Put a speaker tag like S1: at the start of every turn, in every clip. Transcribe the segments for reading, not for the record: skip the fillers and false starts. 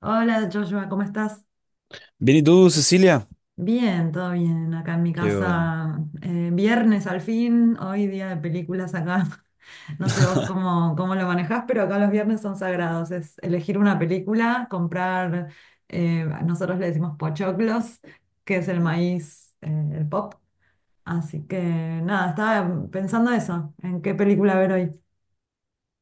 S1: Hola Joshua, ¿cómo estás?
S2: Bien, ¿y tú, Cecilia?
S1: Bien, todo bien. Acá en mi
S2: Qué bueno.
S1: casa, viernes al fin, hoy día de películas acá. No sé vos cómo lo manejás, pero acá los viernes son sagrados. Es elegir una película, comprar, nosotros le decimos pochoclos, que es el maíz, el pop. Así que nada, estaba pensando eso, en qué película ver hoy.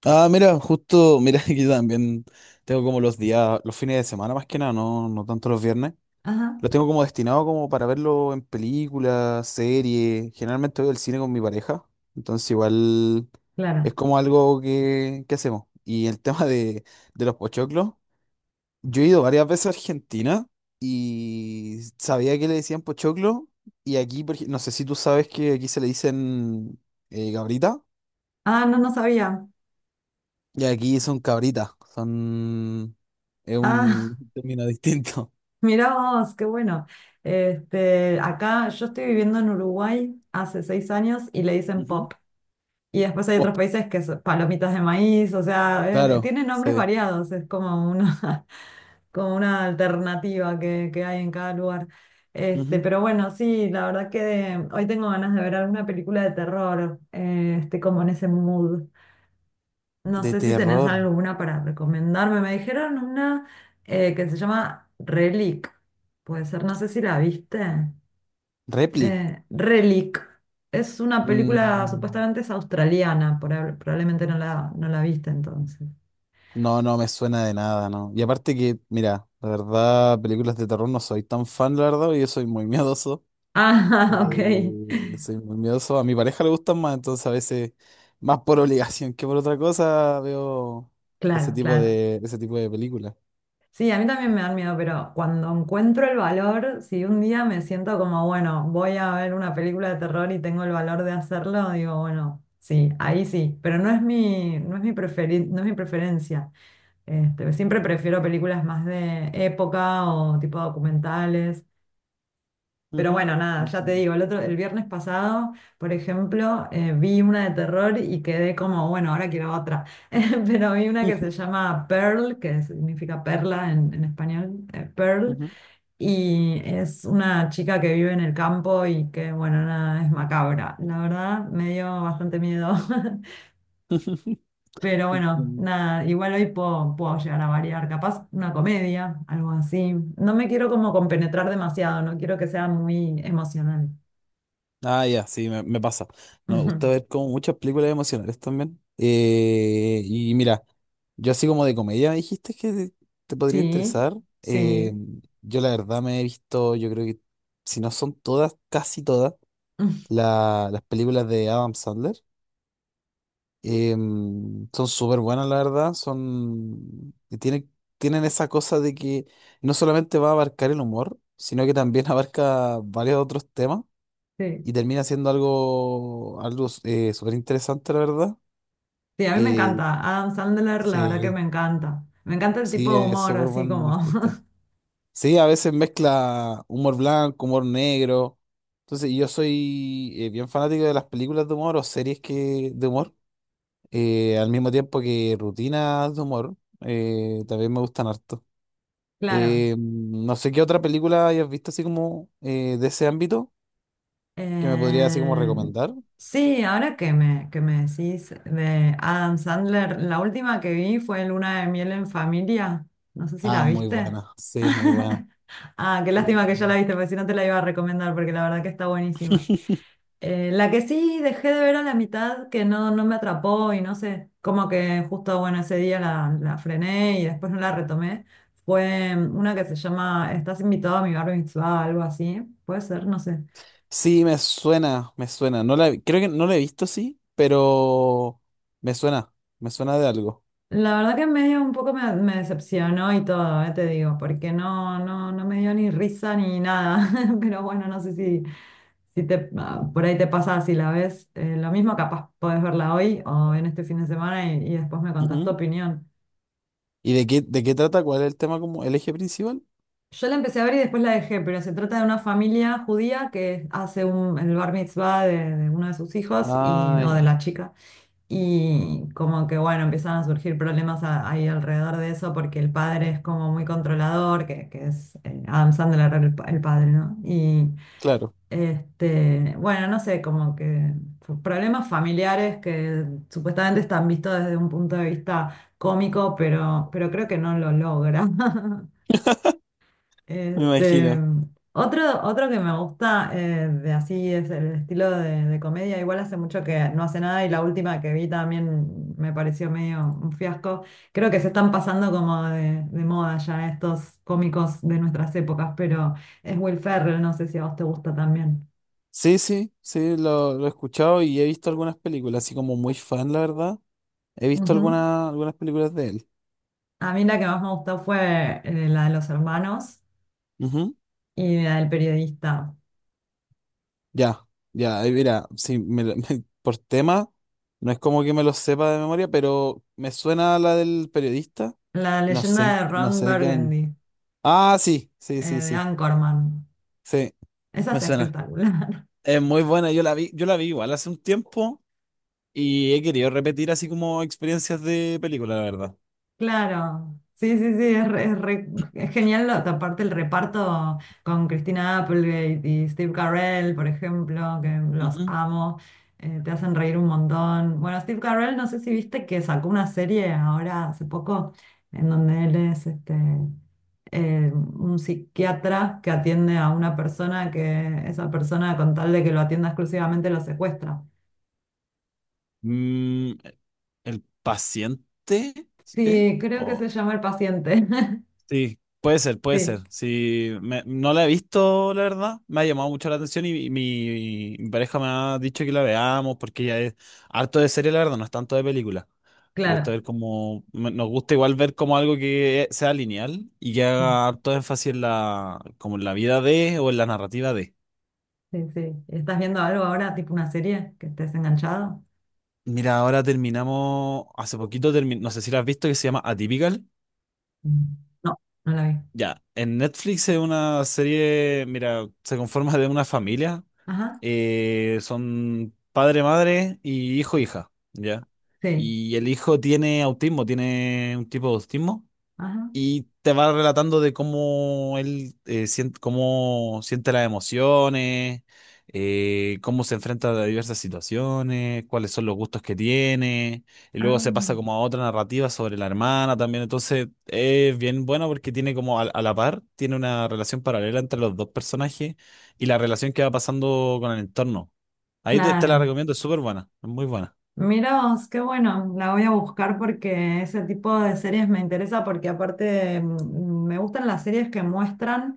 S2: Ah, mira, justo, mira, que yo también tengo como los días, los fines de semana más que nada, no, no tanto los viernes.
S1: Ajá,
S2: Los tengo como destinados como para verlo en películas, series. Generalmente voy al cine con mi pareja, entonces igual es
S1: claro.
S2: como algo que hacemos. Y el tema de los pochoclos, yo he ido varias veces a Argentina y sabía que le decían pochoclo. Y aquí, no sé si tú sabes que aquí se le dicen gabrita.
S1: Ah, no, no sabía.
S2: Y aquí son cabritas, son... Es
S1: Ah.
S2: un término distinto.
S1: Mirá vos, qué bueno. Este, acá yo estoy viviendo en Uruguay hace 6 años y le dicen
S2: Ujú.
S1: pop. Y después hay otros
S2: Pop,
S1: países que son palomitas de maíz, o sea, es-
S2: claro,
S1: tienen nombres
S2: sí.
S1: variados, es como una, como una alternativa que hay en cada lugar. Este,
S2: Ujú.
S1: pero bueno, sí, la verdad que hoy tengo ganas de ver alguna película de terror, este, como en ese mood. No
S2: De
S1: sé si tenés
S2: terror.
S1: alguna para recomendarme. Me dijeron una que se llama Relic. Puede ser, no sé si la viste.
S2: Replic.
S1: Relic. Es una película,
S2: Mm,
S1: supuestamente es australiana, probablemente no no la viste entonces.
S2: no, no me suena de nada, ¿no? Y aparte que, mira, la verdad, películas de terror no soy tan fan, la verdad, y yo soy muy miedoso.
S1: Ah, ok.
S2: Soy muy miedoso. A mi pareja le gustan más, entonces a veces, más por obligación que por otra cosa, veo ese
S1: Claro,
S2: tipo
S1: claro.
S2: ese tipo de películas.
S1: Sí, a mí también me dan miedo, pero cuando encuentro el valor, si un día me siento como, bueno, voy a ver una película de terror y tengo el valor de hacerlo, digo, bueno, sí, ahí sí, pero no es no es mi no es mi preferencia. Este, siempre prefiero películas más de época o tipo documentales. Pero
S2: Ujú.
S1: bueno, nada, ya te
S2: Entiendo.
S1: digo, el viernes pasado, por ejemplo, vi una de terror y quedé como, bueno, ahora quiero otra. Pero vi una que se
S2: Ujú,
S1: llama Pearl, que significa perla en español, Pearl,
S2: ujú.
S1: y es una chica que vive en el campo y que, bueno, nada, es macabra. La verdad, me dio bastante miedo. Pero bueno,
S2: Entiendo.
S1: nada, igual hoy puedo llegar a variar, capaz una comedia, algo así. No me quiero como compenetrar demasiado, no quiero que sea muy emocional.
S2: Ah, ya, sí, me pasa. No, me gusta
S1: Ujú.
S2: ver como muchas películas emocionales también. Y mira, yo así como de comedia me dijiste te podría
S1: Sí,
S2: interesar.
S1: sí,
S2: Eh, yo la verdad me he visto, yo creo que si no son todas, casi todas,
S1: mm,
S2: las películas de Adam Sandler. Eh, son súper buenas, la verdad. Tienen esa cosa de que no solamente va a abarcar el humor, sino que también abarca varios otros temas
S1: sí.
S2: y termina siendo algo, algo súper interesante, la verdad.
S1: Sí, a mí me
S2: Eh,
S1: encanta. Adam Sandler, la verdad que me
S2: sí,
S1: encanta. Me encanta el tipo
S2: sí,
S1: de
S2: es
S1: humor,
S2: súper
S1: así
S2: buen
S1: como.
S2: artista. Sí, a veces mezcla humor blanco, humor negro. Entonces, yo soy bien fanático de las películas de humor o series de humor, al mismo tiempo que rutinas de humor, también me gustan harto.
S1: Claro.
S2: No sé qué otra película hayas visto así como de ese ámbito que me podría así como
S1: Eh,
S2: recomendar.
S1: sí, ahora que me decís de Adam Sandler, la última que vi fue Luna de Miel en Familia. No sé si
S2: Ah,
S1: la
S2: muy
S1: viste.
S2: buena. Sí, es muy buena.
S1: Ah, qué
S2: Muy
S1: lástima que ya
S2: buena.
S1: la viste, porque si no te la iba a recomendar, porque la verdad que está buenísima. La que sí dejé de ver a la mitad, que no, no me atrapó y no sé, como que justo, bueno, ese día la frené y después no la retomé, fue una que se llama Estás invitado a mi bar mitzvah, algo así, puede ser, no sé.
S2: Sí, me suena, me suena. No la, creo que no la he visto, sí, pero me suena, me suena de algo.
S1: La verdad que medio un poco me decepcionó y todo, te digo, porque no me dio ni risa ni nada, pero bueno, no sé si, si te, ah, por ahí te pasa, si la ves, lo mismo capaz podés verla hoy o en este fin de semana y después me contás tu
S2: Ujú.
S1: opinión.
S2: ¿Y de qué trata? ¿Cuál es el tema como el eje principal?
S1: Yo la empecé a ver y después la dejé, pero se trata de una familia judía que hace un, el bar mitzvah de uno de sus hijos y,
S2: Ah,
S1: o de
S2: ya,
S1: la chica. Y como que bueno, empiezan a surgir problemas ahí alrededor de eso porque el padre es como muy controlador, que es Adam Sandler el padre, ¿no? Y
S2: claro,
S1: este, bueno, no sé, como que problemas familiares que supuestamente están vistos desde un punto de vista cómico, pero creo que no lo logra.
S2: me
S1: Este,
S2: imagino.
S1: otro que me gusta de así es el estilo de comedia. Igual hace mucho que no hace nada y la última que vi también me pareció medio un fiasco. Creo que se están pasando como de moda ya estos cómicos de nuestras épocas, pero es Will Ferrell, no sé si a vos te gusta también.
S2: Sí, sí, sí, lo he escuchado y he visto algunas películas, así como muy fan, la verdad. He visto
S1: Ujú.
S2: algunas películas de él.
S1: A mí la que más me gustó fue la de los hermanos y la del periodista.
S2: Ya, ya, ahí mira, si me lo- por tema, no es como que me lo sepa de memoria, pero me suena la del periodista.
S1: La
S2: No sé,
S1: leyenda de
S2: no
S1: Ron
S2: sé de qué año.
S1: Burgundy,
S2: Ah, sí, sí, sí,
S1: de
S2: sí,
S1: Anchorman.
S2: sí,
S1: Esa
S2: me
S1: es
S2: suena.
S1: espectacular.
S2: Es muy buena, yo la vi igual hace un tiempo y he querido repetir así como experiencias de película, la verdad.
S1: Claro, sí, sí, sí, es, es genial, lo- aparte el reparto con Christina Applegate y Steve Carell, por ejemplo, que los
S2: Ujú.
S1: amo, te hacen reír un montón. Bueno, Steve Carell, no sé si viste que sacó una serie ahora hace poco en donde él es este, un psiquiatra que atiende a una persona que esa persona con tal de que lo atienda exclusivamente lo secuestra.
S2: Mm, el paciente, ¿eh?
S1: Sí, creo que se llama El Paciente.
S2: Sí, puede ser, puede ser.
S1: Sí,
S2: Sí, no la he visto, la verdad. Me ha llamado mucho la atención y mi pareja me ha dicho que la veamos porque ella es harto de serie, la verdad, no es tanto de película. Le gusta
S1: claro.
S2: ver como, nos gusta igual ver como algo que sea lineal y que haga harto énfasis en la, como en la vida de o en la narrativa de.
S1: Sí, sí. ¿Estás viendo algo ahora, tipo una serie que estés enganchado?
S2: Mira, ahora terminamos, hace poquito terminó, no sé si la has visto, que se llama Atypical.
S1: Mm. No, no la vi.
S2: Ya, en Netflix es una serie, mira, se conforma de una familia.
S1: Ajá,
S2: Son padre, madre y hijo, hija, ¿ya?
S1: sí.
S2: Y el hijo tiene autismo, tiene un tipo de autismo
S1: Ajá.
S2: y te va relatando de cómo él cómo siente las emociones, cómo se enfrenta a diversas situaciones, cuáles son los gustos que tiene, y luego se pasa
S1: Ah,
S2: como a otra narrativa sobre la hermana también. Entonces es bien bueno porque tiene como a la par, tiene una relación paralela entre los dos personajes y la relación que va pasando con el entorno. Te la
S1: claro.
S2: recomiendo, es súper buena, es muy buena.
S1: Mira vos, qué bueno, la voy a buscar porque ese tipo de series me interesa porque aparte me gustan las series que muestran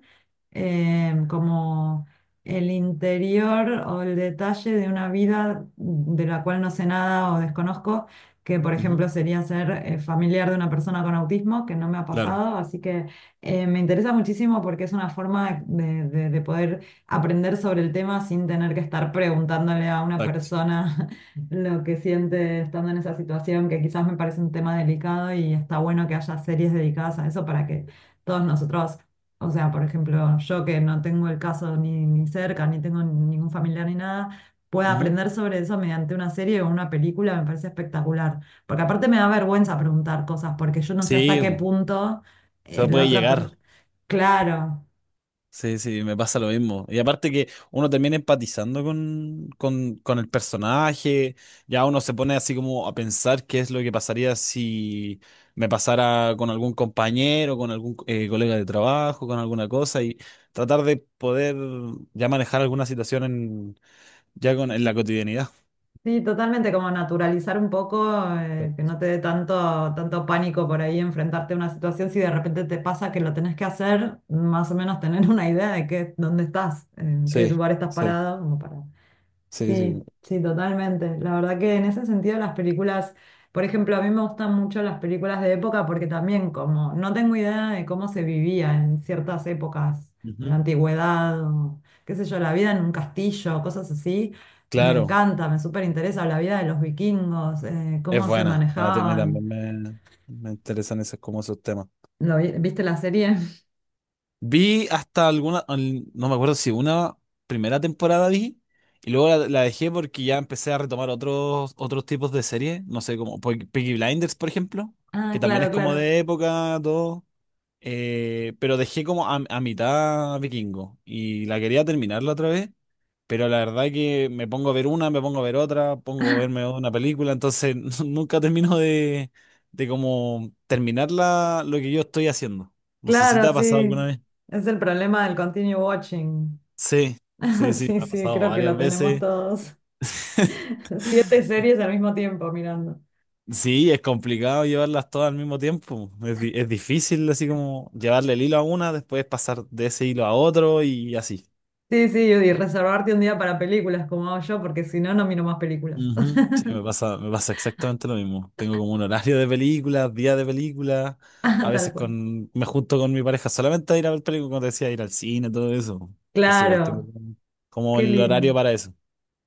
S1: como el interior o el detalle de una vida de la cual no sé nada o desconozco, que por
S2: Ujú.
S1: ejemplo sería ser familiar de una persona con autismo, que no me ha
S2: Claro,
S1: pasado, así que me interesa muchísimo porque es una forma de poder aprender sobre el tema sin tener que estar preguntándole a una
S2: exacto.
S1: persona lo que siente estando en esa situación, que quizás me parece un tema delicado y está bueno que haya series dedicadas a eso para que todos nosotros, o sea, por ejemplo, yo que no tengo el caso ni cerca, ni tengo ningún familiar ni nada, pueda
S2: Ujú.
S1: aprender sobre eso mediante una serie o una película, me parece espectacular. Porque aparte me da vergüenza preguntar cosas, porque yo no sé hasta
S2: Sí,
S1: qué
S2: po,
S1: punto
S2: se
S1: la
S2: puede
S1: otra persona...
S2: llegar.
S1: Claro.
S2: Sí, sí, me pasa lo mismo. Y aparte que uno termina empatizando con el personaje, ya uno se pone así como a pensar qué es lo que pasaría si me pasara con algún compañero, con algún colega de trabajo, con alguna cosa, y tratar de poder ya manejar alguna situación en, ya con, en la cotidianidad.
S1: Sí, totalmente, como naturalizar un poco, que no te dé tanto pánico por ahí enfrentarte a una situación. Si de repente te pasa que lo tenés que hacer, más o menos tener una idea de qué, dónde estás, en qué
S2: Sí,
S1: lugar estás
S2: sí,
S1: parado, como para
S2: sí, sí.
S1: sí, sí, totalmente. La verdad que en ese sentido las películas, por ejemplo, a mí me gustan mucho las películas de época porque también como no tengo idea de cómo se vivía en ciertas épocas, en la
S2: Ujú.
S1: antigüedad, o, qué sé yo, la vida en un castillo, cosas así, me
S2: Claro,
S1: encanta, me súper interesa la vida de los vikingos,
S2: es
S1: cómo se
S2: buena. A mí
S1: manejaban.
S2: también me interesan esos, como esos temas.
S1: ¿Lo viste la serie?
S2: Vi hasta alguna, no me acuerdo si una primera temporada vi y luego la dejé porque ya empecé a retomar otros tipos de series, no sé, como Peaky Blinders, por ejemplo,
S1: Ah,
S2: que también
S1: claro,
S2: es como
S1: claro.
S2: de época, todo, pero dejé como a mitad Vikingo y la quería terminarla otra vez, pero la verdad que me pongo a ver una, me pongo a ver otra, pongo a verme una película, entonces nunca termino de como terminar lo que yo estoy haciendo. No sé si te
S1: Claro,
S2: ha pasado
S1: sí.
S2: alguna vez.
S1: Es el problema del continue watching.
S2: Sí, sí, sí,
S1: Sí,
S2: me ha
S1: sí,
S2: pasado
S1: creo que lo
S2: varias
S1: tenemos
S2: veces.
S1: todos. Siete series al mismo tiempo mirando.
S2: Sí, es complicado llevarlas todas al mismo tiempo. Es difícil así como llevarle el hilo a una, después pasar de ese hilo a otro y así.
S1: Sí, sí, y reservarte un día para películas como hago yo, porque si no, no miro más películas.
S2: Ujú. Sí, me pasa exactamente lo mismo. Tengo como un horario de películas, día de películas.
S1: Ah,
S2: A
S1: tal
S2: veces
S1: cual.
S2: me junto con mi pareja solamente a ir a ver películas, como te decía, ir al cine, todo eso. Entonces igual tengo
S1: Claro,
S2: como
S1: qué
S2: el horario
S1: lindo,
S2: para eso.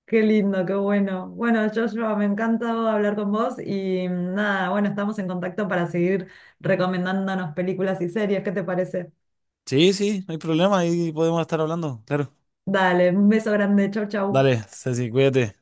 S1: qué lindo, qué bueno. Bueno, Joshua, me encanta hablar con vos y nada, bueno, estamos en contacto para seguir recomendándonos películas y series. ¿Qué te parece?
S2: Sí, sí, no hay problema, ahí podemos estar hablando, claro.
S1: Dale, un beso grande, chau, chau.
S2: Dale, Ceci, cuídate.